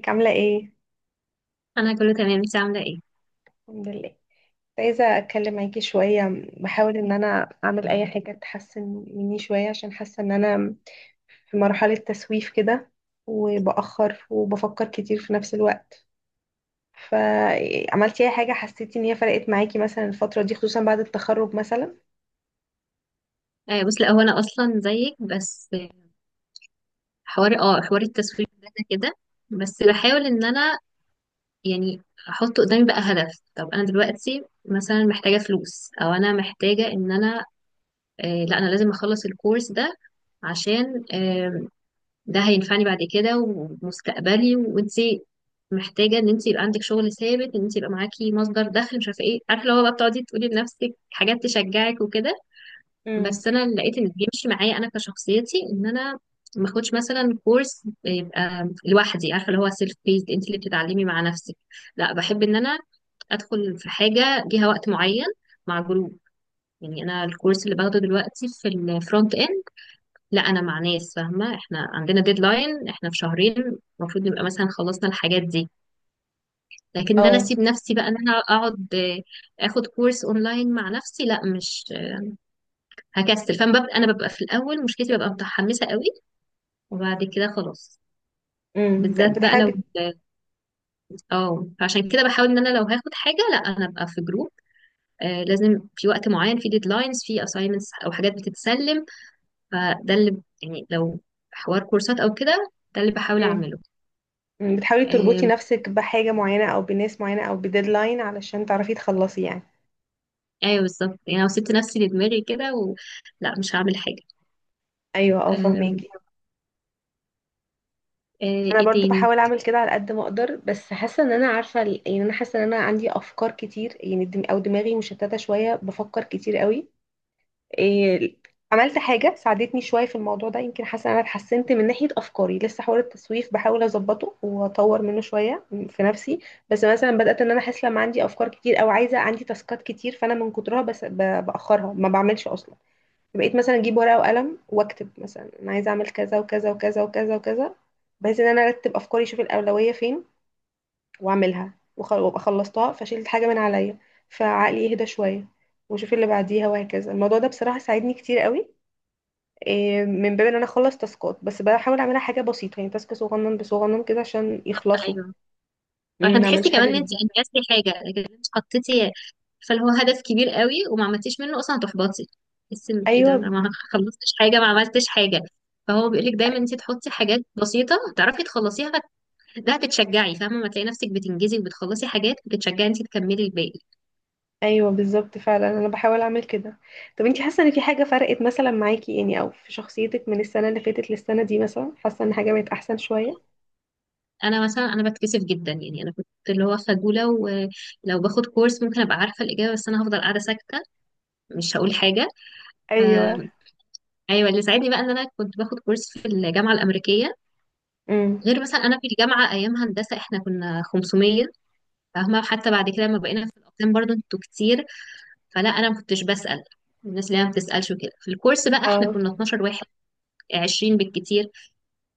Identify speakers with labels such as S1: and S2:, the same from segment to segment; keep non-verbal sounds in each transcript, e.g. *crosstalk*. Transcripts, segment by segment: S1: ازيك عاملة ايه؟
S2: انا كله تمام، انت عامله ايه؟
S1: الحمد لله. كنت عايزة اتكلم معاكي شوية، بحاول ان انا اعمل اي حاجة تحسن مني شوية، عشان حاسة ان انا في مرحلة تسويف كده، وبأخر وبفكر كتير في نفس الوقت. فعملتي اي حاجة حسيتي ان هي فرقت معاكي مثلا الفترة دي، خصوصا بعد التخرج مثلا؟
S2: آه بص، لا هو انا اصلا زيك. بس حوار حوار التسويق ده أنا كده. بس بحاول ان انا، يعني، احط قدامي بقى هدف. طب انا دلوقتي مثلا محتاجه فلوس، او انا محتاجه ان انا، آه لا، انا لازم اخلص الكورس ده عشان آه ده هينفعني بعد كده ومستقبلي. وانت محتاجه ان انت يبقى عندك شغل ثابت، ان انت يبقى معاكي مصدر دخل، مش عارفه ايه، عارفه لو بقى بتقعدي تقولي لنفسك حاجات تشجعك وكده.
S1: امم.
S2: بس انا اللي لقيت ان بيمشي معايا انا كشخصيتي، ان انا ما اخدش مثلا كورس يبقى لوحدي، عارفه اللي هو سيلف بيست، انت اللي بتتعلمي مع نفسك. لا، بحب ان انا ادخل في حاجه ليها وقت معين مع جروب. يعني انا الكورس اللي باخده دلوقتي في الفرونت اند، لا انا مع ناس فاهمه، احنا عندنا ديدلاين، احنا في شهرين المفروض نبقى مثلا خلصنا الحاجات دي. لكن ان انا
S1: اه.
S2: اسيب نفسي بقى ان انا اقعد اخد كورس اونلاين مع نفسي، لا، مش هكسل، فانا ببقى ببقى في الاول، مشكلتي ببقى متحمسه قوي وبعد كده خلاص.
S1: امم.
S2: بالذات بقى لو
S1: بتحاولي
S2: اه فعشان كده بحاول ان انا لو هاخد حاجه لا انا ابقى في جروب، آه، لازم في وقت معين، في ديدلاينز، في اساينمنتس او حاجات بتتسلم. فده اللي، يعني، لو حوار كورسات او كده، ده اللي بحاول
S1: امم
S2: اعمله.
S1: أمم. بتحاولي تربطي
S2: آم،
S1: نفسك بحاجة معينة او بناس معينة او بديدلاين علشان تعرفي تخلصي يعني؟
S2: ايوه بالظبط. يعني لو سبت نفسي لدماغي كده لا، مش هعمل حاجه.
S1: ايوه، اه،
S2: آم،
S1: فهماكي.
S2: آه،
S1: انا
S2: ايه
S1: برضو
S2: تاني؟
S1: بحاول اعمل كده على قد ما اقدر، بس حاسه ان انا عارفه يعني انا حاسه ان انا عندي افكار كتير، يعني دم او دماغي مشتته شويه، بفكر كتير قوي. إيه. عملت حاجه ساعدتني شويه في الموضوع ده، يمكن حاسه ان انا اتحسنت من ناحيه افكاري. لسه حوار التسويف بحاول اظبطه واطور منه شويه في نفسي. بس مثلا بدات ان انا احس لما عندي افكار كتير او عايزه عندي تاسكات كتير، فانا من كترها بس باخرها ما بعملش اصلا. بقيت مثلا اجيب ورقه وقلم واكتب، مثلا انا عايزه اعمل كذا وكذا وكذا وكذا وكذا، بحيث ان انا ارتب افكاري، اشوف الاولويه فين واعملها، وابقى خلصتها فشيلت حاجه من عليا، فعقلي يهدى شويه، واشوف اللي بعديها وهكذا. الموضوع ده بصراحه ساعدني كتير قوي، إيه، من باب ان انا اخلص تاسكات. بس بحاول اعملها حاجه بسيطه، يعني تاسك صغنن بصغنن كده عشان
S2: طب
S1: يخلصوا،
S2: ايوه، عشان
S1: ما
S2: تحسي
S1: اعملش
S2: كمان
S1: حاجه
S2: ان انت
S1: كبيره.
S2: انجزتي حاجه. لكن انت حطيتي فالهو هدف كبير قوي وما عملتيش منه اصلا، هتحبطي، تحسي ان ايه ده، انا
S1: ايوه.
S2: ما خلصتش حاجه، ما عملتش حاجه. فهو بيقولك دايما انت تحطي حاجات بسيطه تعرفي تخلصيها ده هتتشجعي، فاهمه؟ ما تلاقي نفسك بتنجزي وبتخلصي حاجات بتتشجعي انت تكملي الباقي.
S1: ايوه بالظبط، فعلا انا بحاول اعمل كده. طب انتي حاسه ان في حاجه فرقت مثلا معاكي يعني، او في شخصيتك من السنه اللي فاتت للسنه دي مثلا، حاسه ان حاجه بقت احسن شويه؟
S2: انا مثلا انا بتكسف جدا، يعني انا كنت اللي هو خجوله، ولو باخد كورس ممكن ابقى عارفه الاجابه بس انا هفضل قاعده ساكته، مش هقول حاجه. ف-
S1: ايوه.
S2: ايوه، اللي ساعدني بقى ان انا كنت باخد كورس في الجامعه الامريكيه.
S1: امم.
S2: غير مثلا انا في الجامعه ايام هندسه احنا كنا 500، فاهمه؟ حتى بعد كده لما بقينا في الاقسام برضو انتوا كتير، فلا انا ما كنتش بسال، الناس اللي هي ما بتسالش وكده. في الكورس بقى احنا
S1: اه.
S2: كنا 12 واحد، 20 بالكتير،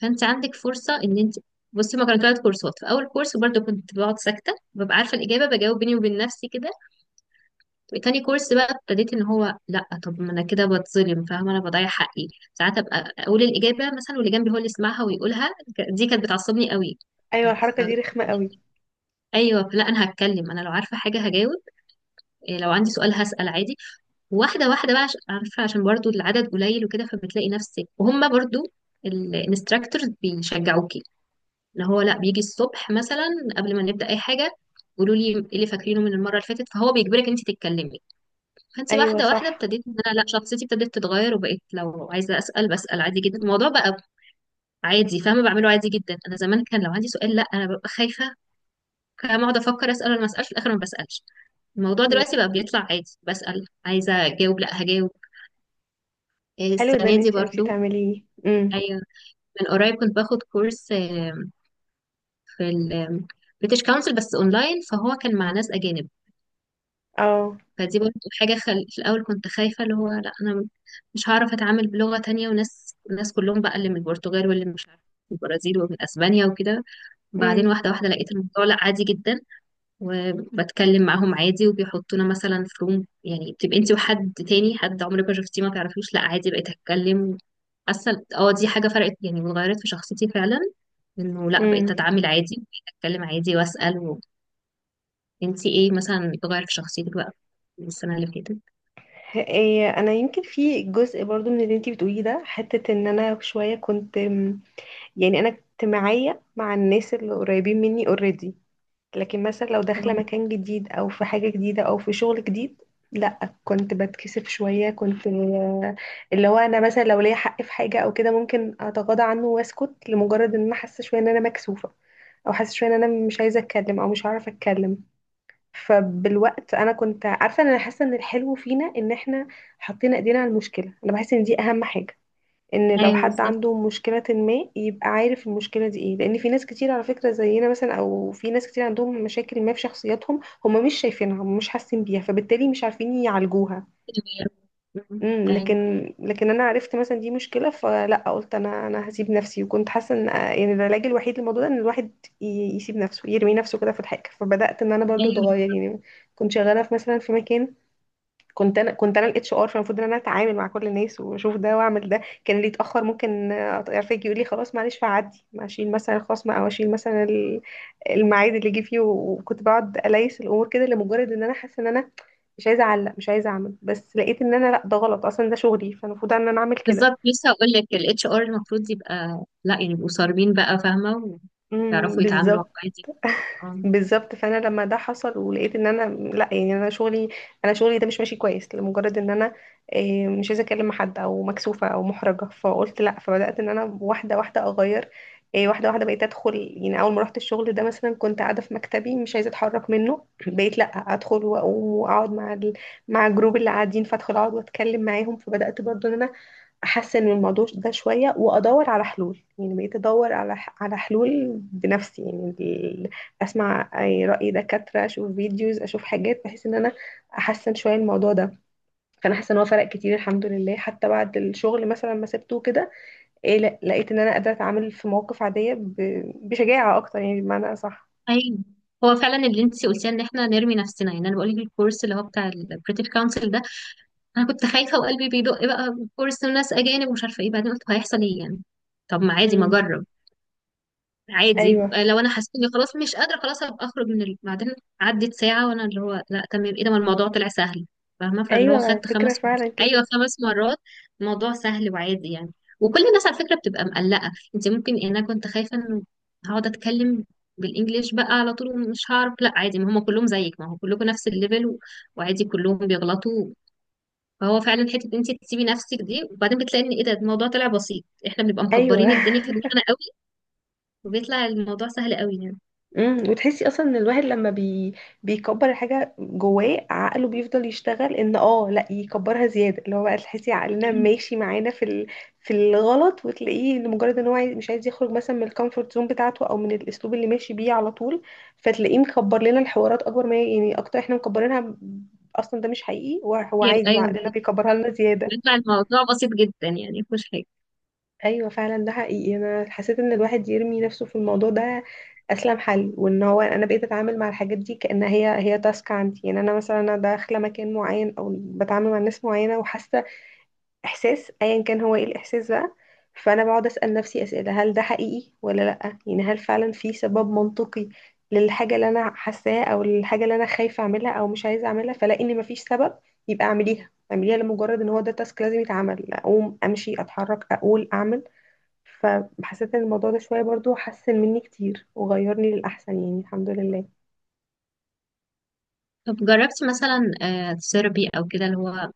S2: فانت عندك فرصه ان انت، بصي، ما كانوا ثلاث كورسات. في اول كورس برضو كنت بقعد ساكته، ببقى عارفه الاجابه، بجاوب بيني وبين نفسي كده. تاني كورس بقى ابتديت ان هو لا، طب ما انا كده بتظلم، فاهمه؟ انا بضيع حقي. ساعات ابقى اقول الاجابه مثلا واللي جنبي هو اللي يسمعها ويقولها، دي كانت بتعصبني قوي. ف...
S1: ايوه،
S2: ف...
S1: الحركه دي رخمه قوي.
S2: ايوه لا، انا هتكلم، انا لو عارفه حاجه هجاوب، إيه، لو عندي سؤال هسأل عادي. واحده واحده بقى، عشان عارفه، عشان برضو العدد قليل وكده، فبتلاقي نفسك. وهم برضو الانستراكتورز بيشجعوكي، اللي هو لا، بيجي الصبح مثلا قبل ما نبدا اي حاجه، قولوا لي إيه اللي فاكرينه من المره اللي فاتت، فهو بيجبرك انت تتكلمي. فانت
S1: ايوه
S2: واحده واحده
S1: صح.
S2: ابتديت ان انا لا، شخصيتي ابتدت تتغير، وبقيت لو عايزه اسال بسال عادي جدا. الموضوع بقى عادي، فاهمه؟ بعمله عادي جدا. انا زمان كان لو عندي سؤال لا، انا ببقى خايفه، كام اقعد افكر اسال ولا ما اسالش، في الاخر ما بسالش. الموضوع دلوقتي
S1: امم.
S2: بقى بيطلع عادي، بسال، عايزه اجاوب لا هجاوب، إيه،
S1: حلو ده
S2: السنه
S1: ان
S2: دي
S1: انتي عرفتي
S2: برضو.
S1: تعمليه. امم.
S2: ايوه، من قريب كنت باخد كورس في البريتش كونسل بس اونلاين، فهو كان مع ناس اجانب.
S1: اه.
S2: فدي برضو حاجه في الاول كنت خايفه، اللي هو لا انا مش هعرف اتعامل بلغه تانية، وناس، ناس كلهم بقى اللي من البرتغال واللي مش عارف من البرازيل ومن اسبانيا وكده. بعدين
S1: امم.
S2: واحده واحده لقيت الموضوع لا، عادي جدا، وبتكلم معاهم عادي، وبيحطونا مثلا في روم، يعني بتبقي انت وحد تاني حد عمرك ما شفتيه ما تعرفيش، لا عادي، بقيت اتكلم. حاسه اه دي حاجه فرقت يعني، وغيرت في شخصيتي فعلا، انه لا بقيت
S1: امم.
S2: اتعامل عادي، بقيت اتكلم عادي واسال انت ايه مثلا اتغير في شخصيتك بقى من السنه اللي فاتت؟
S1: إيه انا يمكن في جزء برضو من اللي انتي بتقوليه ده، حته ان انا شويه كنت يعني انا اجتماعيه مع الناس اللي قريبين مني اوريدي. لكن مثلا لو داخلة
S2: آه.
S1: مكان جديد أو في حاجة جديدة أو في شغل جديد، لا كنت بتكسف شوية، كنت اللي هو أنا مثلا لو ليا حق في حاجة أو كده ممكن أتغاضى عنه وأسكت، لمجرد إن أنا حاسة شوية إن أنا مكسوفة، أو حاسة شوية إن أنا مش عايزة أتكلم أو مش هعرف أتكلم. فبالوقت أنا كنت عارفة إن أنا حاسة إن الحلو فينا إن إحنا حاطين إيدينا على المشكلة. أنا بحس إن دي أهم حاجة، ان لو
S2: ايوه
S1: حد
S2: بالظبط.
S1: عنده مشكلة ما يبقى عارف المشكلة دي ايه، لان في ناس كتير على فكرة زينا مثلا، او في ناس كتير عندهم مشاكل ما في شخصياتهم، هم مش شايفينها، هم مش حاسين بيها، فبالتالي مش عارفين يعالجوها.
S2: مم.
S1: امم.
S2: ايوه.
S1: لكن انا عرفت مثلا دي مشكلة، فلا قلت انا هسيب نفسي. وكنت حاسة ان يعني العلاج الوحيد للموضوع ده ان الواحد يسيب نفسه، يرمي نفسه كده في الحاجة. فبدأت ان انا برضو
S2: أيوة.
S1: اتغير يعني. كنت شغالة في مثلا في مكان، كنت انا الاتش ار، فالمفروض ان انا اتعامل مع كل الناس واشوف ده واعمل ده. كان اللي يتاخر ممكن يعرفك، يقول لي خلاص معلش، فعدي اشيل مثلا الخصم، او اشيل مثلا الميعاد اللي جه فيه، وكنت بقعد اليس الامور كده، لمجرد ان انا حاسه ان انا مش عايزه اعلق، مش عايزه اعمل. بس لقيت ان انا لا، ده غلط اصلا، ده شغلي فالمفروض ان انا اعمل كده.
S2: بالظبط، لسه هقول لك، الاتش ار المفروض يبقى، لا يعني، يبقوا صارمين بقى، فاهمه؟ ويعرفوا يتعاملوا
S1: بالظبط.
S2: عادي.
S1: بالظبط، فانا لما ده حصل ولقيت ان انا لا يعني، انا شغلي ده مش ماشي كويس، لمجرد ان انا مش عايزه اكلم حد او مكسوفه او محرجه. فقلت لا، فبدات ان انا واحده واحده اغير. واحده واحده بقيت ادخل، يعني اول ما رحت الشغل ده مثلا، كنت قاعده في مكتبي مش عايزه اتحرك منه *clears throat* بقيت لا، ادخل واقوم واقعد مع الجروب اللي قاعدين، فادخل اقعد واتكلم معاهم. فبدات برضو ان انا احسن من الموضوع ده شويه، وادور على حلول، يعني بقيت ادور على حلول بنفسي يعني، اسمع اي راي دكاتره، اشوف فيديوز، اشوف حاجات، بحيث ان انا احسن شويه الموضوع ده. فانا حاسه ان هو فرق كتير الحمد لله، حتى بعد الشغل مثلا ما سبته كده. إيه، لقيت ان انا قادره اتعامل في مواقف عاديه بشجاعه اكتر يعني، بمعنى اصح.
S2: ايوه، هو فعلا اللي انت قلتيه ان احنا نرمي نفسنا، يعني انا بقول لك الكورس اللي هو بتاع البريتش كونسل ده، انا كنت خايفه وقلبي بيدق، بقى كورس وناس اجانب ومش عارفه ايه، بعدين قلت هيحصل ايه يعني؟ طب ما عادي، ما
S1: امم.
S2: اجرب عادي،
S1: ايوه.
S2: آه، لو انا حسيت اني خلاص مش قادره، خلاص ابقى اخرج من بعدين عدت ساعه وانا اللي هو لا تمام، ايه ده، ما الموضوع طلع سهل، فاهمه؟ فاللي هو
S1: ايوه
S2: خدت
S1: فكره
S2: خمس،
S1: فعلا كده.
S2: ايوه خمس مرات، الموضوع سهل وعادي يعني. وكل الناس على فكره بتبقى مقلقه، انت ممكن يعني انا كنت خايفه انه هقعد اتكلم بالانجليش بقى على طول ومش هعرف، لا عادي، ما هم كلهم زيك، ما هو كلكم نفس الليفل وعادي كلهم بيغلطوا. فهو فعلا حته إن انت تسيبي نفسك دي، وبعدين بتلاقي ان ايه ده، الموضوع طلع بسيط، احنا بنبقى
S1: ايوه
S2: مكبرين الدنيا
S1: *laughs*
S2: في دماغنا قوي، وبيطلع الموضوع سهل قوي يعني.
S1: امم. وتحسي اصلا ان الواحد لما بيكبر الحاجه جواه، عقله بيفضل يشتغل ان لا يكبرها زياده. اللي هو بقى تحسي عقلنا
S2: أيوة
S1: ماشي معانا في الغلط، وتلاقيه ان مجرد ان هو مش عايز يخرج مثلا من الكومفورت زون بتاعته، او من الاسلوب اللي ماشي بيه على طول، فتلاقيه مكبر لنا الحوارات اكبر ما هي، يعني اكتر احنا مكبرينها، اصلا ده مش حقيقي وهو
S2: كتير،
S1: عادي،
S2: ايوه
S1: وعقلنا بيكبرها لنا زياده.
S2: بيطلع الموضوع بسيط جدا يعني مفيهوش حاجه.
S1: ايوه فعلا ده حقيقي. انا حسيت ان الواحد يرمي نفسه في الموضوع ده اسلم حل، وان هو انا بقيت اتعامل مع الحاجات دي كانها هي هي تاسك عندي، يعني انا مثلا انا داخله مكان معين او بتعامل مع ناس معينه، وحاسه احساس ايا كان هو ايه الاحساس بقى، فانا بقعد اسال نفسي اسئله، هل ده حقيقي ولا لا، يعني هل فعلا في سبب منطقي للحاجه اللي انا حاساها، او الحاجه اللي انا خايفه اعملها او مش عايزه اعملها، فلاقي ان مفيش سبب، يبقى اعمليها. اعمليها لمجرد ان هو ده تاسك لازم يتعمل، اقوم امشي اتحرك اقول اعمل. فحسيت ان الموضوع ده شويه برضو حسن مني كتير، وغيرني للاحسن يعني الحمد لله.
S2: طب جربتي مثلا ثيرابي او كده، اللي هو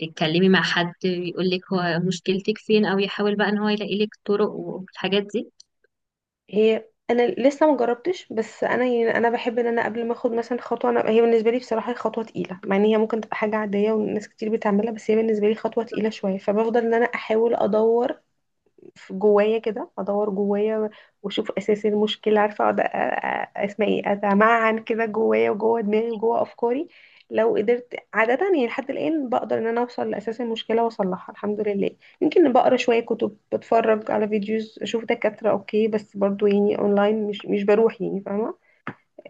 S2: تتكلمي مع حد يقول لك هو مشكلتك فين، او يحاول بقى ان هو يلاقي لك طرق والحاجات دي؟
S1: هي انا لسه ما جربتش، بس انا يعني انا بحب ان انا قبل ما اخد مثلا خطوه، انا هي بالنسبه لي بصراحه هي خطوه تقيله، مع ان هي ممكن تبقى حاجه عاديه وناس كتير بتعملها، بس هي بالنسبه لي خطوه تقيله شويه. فبفضل ان انا احاول ادور في جوايا كده، ادور جوايا واشوف اساس المشكله، عارفه اقعد، اسمع ايه، اتمعن كده جوايا وجوه دماغي وجوه افكاري. لو قدرت عاده يعني، لحد الان بقدر ان انا اوصل لاساس المشكله واصلحها الحمد لله. يمكن بقرا شويه كتب، بتفرج على فيديوز، اشوف دكاتره اوكي، بس برضو يعني اونلاين، مش بروح يعني، فاهمه؟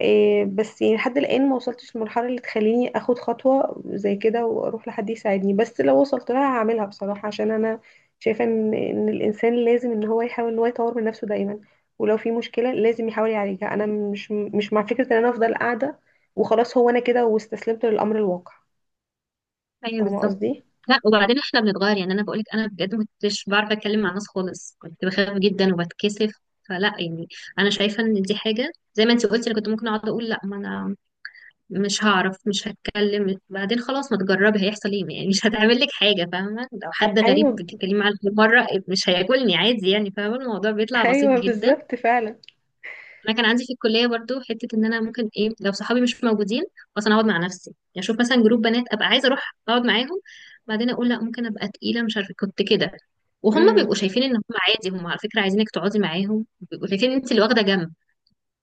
S1: إيه، بس يعني لحد الآن ما وصلتش للمرحلة اللي تخليني اخد خطوة زي كده واروح لحد يساعدني. بس لو وصلت لها هعملها بصراحة، عشان انا شايفة ان الانسان لازم ان هو يحاول ان هو يطور من نفسه دايما، ولو في مشكلة لازم يحاول يعالجها. انا مش مع فكرة ان انا افضل قاعدة وخلاص، هو انا كده واستسلمت للامر الواقع.
S2: ايوه
S1: فاهمة
S2: بالظبط.
S1: قصدي؟
S2: لا، وبعدين احنا بنتغير، يعني انا بقول لك انا بجد ما كنتش بعرف اتكلم مع الناس خالص، كنت بخاف جدا وبتكسف. فلا يعني انا شايفه ان دي حاجه زي ما انت قلتي، انا كنت ممكن اقعد اقول لا ما انا مش هعرف مش هتكلم. بعدين خلاص، ما تجربي، هيحصل ايه يعني؟ مش هتعمل لك حاجه، فاهمه؟ لو حد غريب
S1: ايوه.
S2: بتتكلمي معاه لأول مره مش هياكلني، عادي يعني، فاهمه؟ الموضوع بيطلع بسيط
S1: ايوه
S2: جدا.
S1: بالظبط فعلا.
S2: انا كان عندي في الكليه برضو حته ان انا ممكن ايه لو صحابي مش موجودين اصلا، اقعد مع نفسي. يعني اشوف مثلا جروب بنات ابقى عايزه اروح اقعد معاهم، بعدين اقول لا، ممكن ابقى تقيله، مش عارفه، كنت كده. وهم بيبقوا
S1: امم.
S2: شايفين ان هم عادي، هم على فكره عايزينك تقعدي معاهم، بيبقوا شايفين ان انت اللي واخده جنب.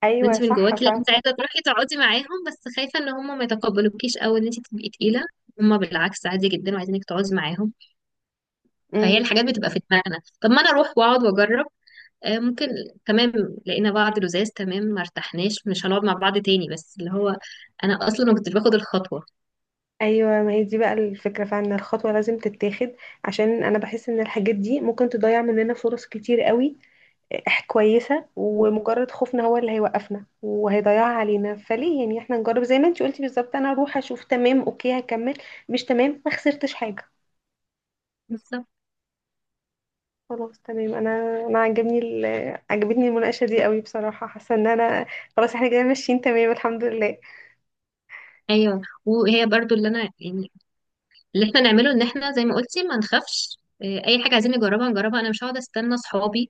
S1: ايوه
S2: وانت من
S1: صح
S2: جواكي لا،
S1: فعلا.
S2: انت عايزه تروحي تقعدي معاهم، بس خايفه ان هم ما يتقبلوكيش او ان انت تبقي تقيله. هم بالعكس عادي جدا وعايزينك تقعدي معاهم. فهي
S1: امم.
S2: الحاجات بتبقى في دماغنا، طب ما انا اروح واقعد واجرب. ممكن تمام، لقينا بعض لزاز تمام، ما ارتحناش مش هنقعد مع بعض تاني، بس اللي هو انا اصلا ما كنتش باخد الخطوه.
S1: ايوه، ما هي دي بقى الفكره فعلا، إن الخطوه لازم تتاخد، عشان انا بحس ان الحاجات دي ممكن تضيع مننا فرص كتير قوي. كويسه، ومجرد خوفنا هو اللي هيوقفنا وهيضيعها علينا، فليه يعني احنا نجرب؟ زي ما انت قلتي بالظبط، انا اروح اشوف. تمام، اوكي هكمل. مش تمام، ما خسرتش حاجه.
S2: بالظبط.
S1: خلاص تمام. انا عجبتني المناقشه دي قوي بصراحه. حاسه ان انا خلاص، احنا كده ماشيين تمام الحمد لله.
S2: ايوه، وهي برضو اللي انا، يعني، اللي احنا نعمله ان احنا زي ما قلتي ما نخافش، إيه، اي حاجه عايزين نجربها نجربها، انا مش هقعد استنى صحابي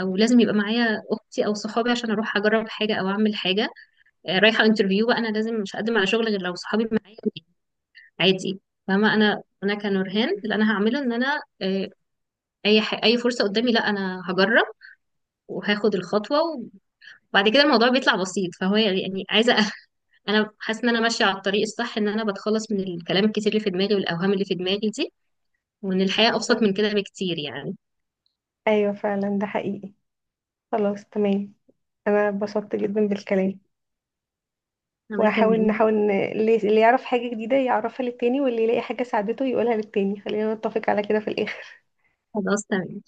S2: او لازم يبقى معايا اختي او صحابي عشان اروح اجرب حاجه او اعمل حاجه، إيه، رايحه انترفيو بقى انا لازم مش هقدم على شغل غير لو صحابي معايا، عادي، فاهمه؟ انا انا كنورهان اللي انا هعمله ان انا، إيه، اي فرصه قدامي لا انا هجرب وهاخد الخطوه، وبعد كده الموضوع بيطلع بسيط. فهو يعني عايزه *laughs* انا حاسه ان انا ماشيه على الطريق الصح، ان انا بتخلص من الكلام الكتير اللي في دماغي والاوهام اللي في دماغي دي، وإن الحياة أبسط
S1: بالظبط.
S2: من كده بكتير يعني.
S1: ايوه فعلا ده حقيقي. خلاص تمام. انا اتبسطت جدا بالكلام.
S2: أنا
S1: وهحاول
S2: كمان.
S1: نحاول اللي يعرف حاجة جديدة يعرفها للتاني، واللي يلاقي حاجة ساعدته يقولها للتاني، خلينا نتفق على كده في الآخر.
S2: خلاص تمام.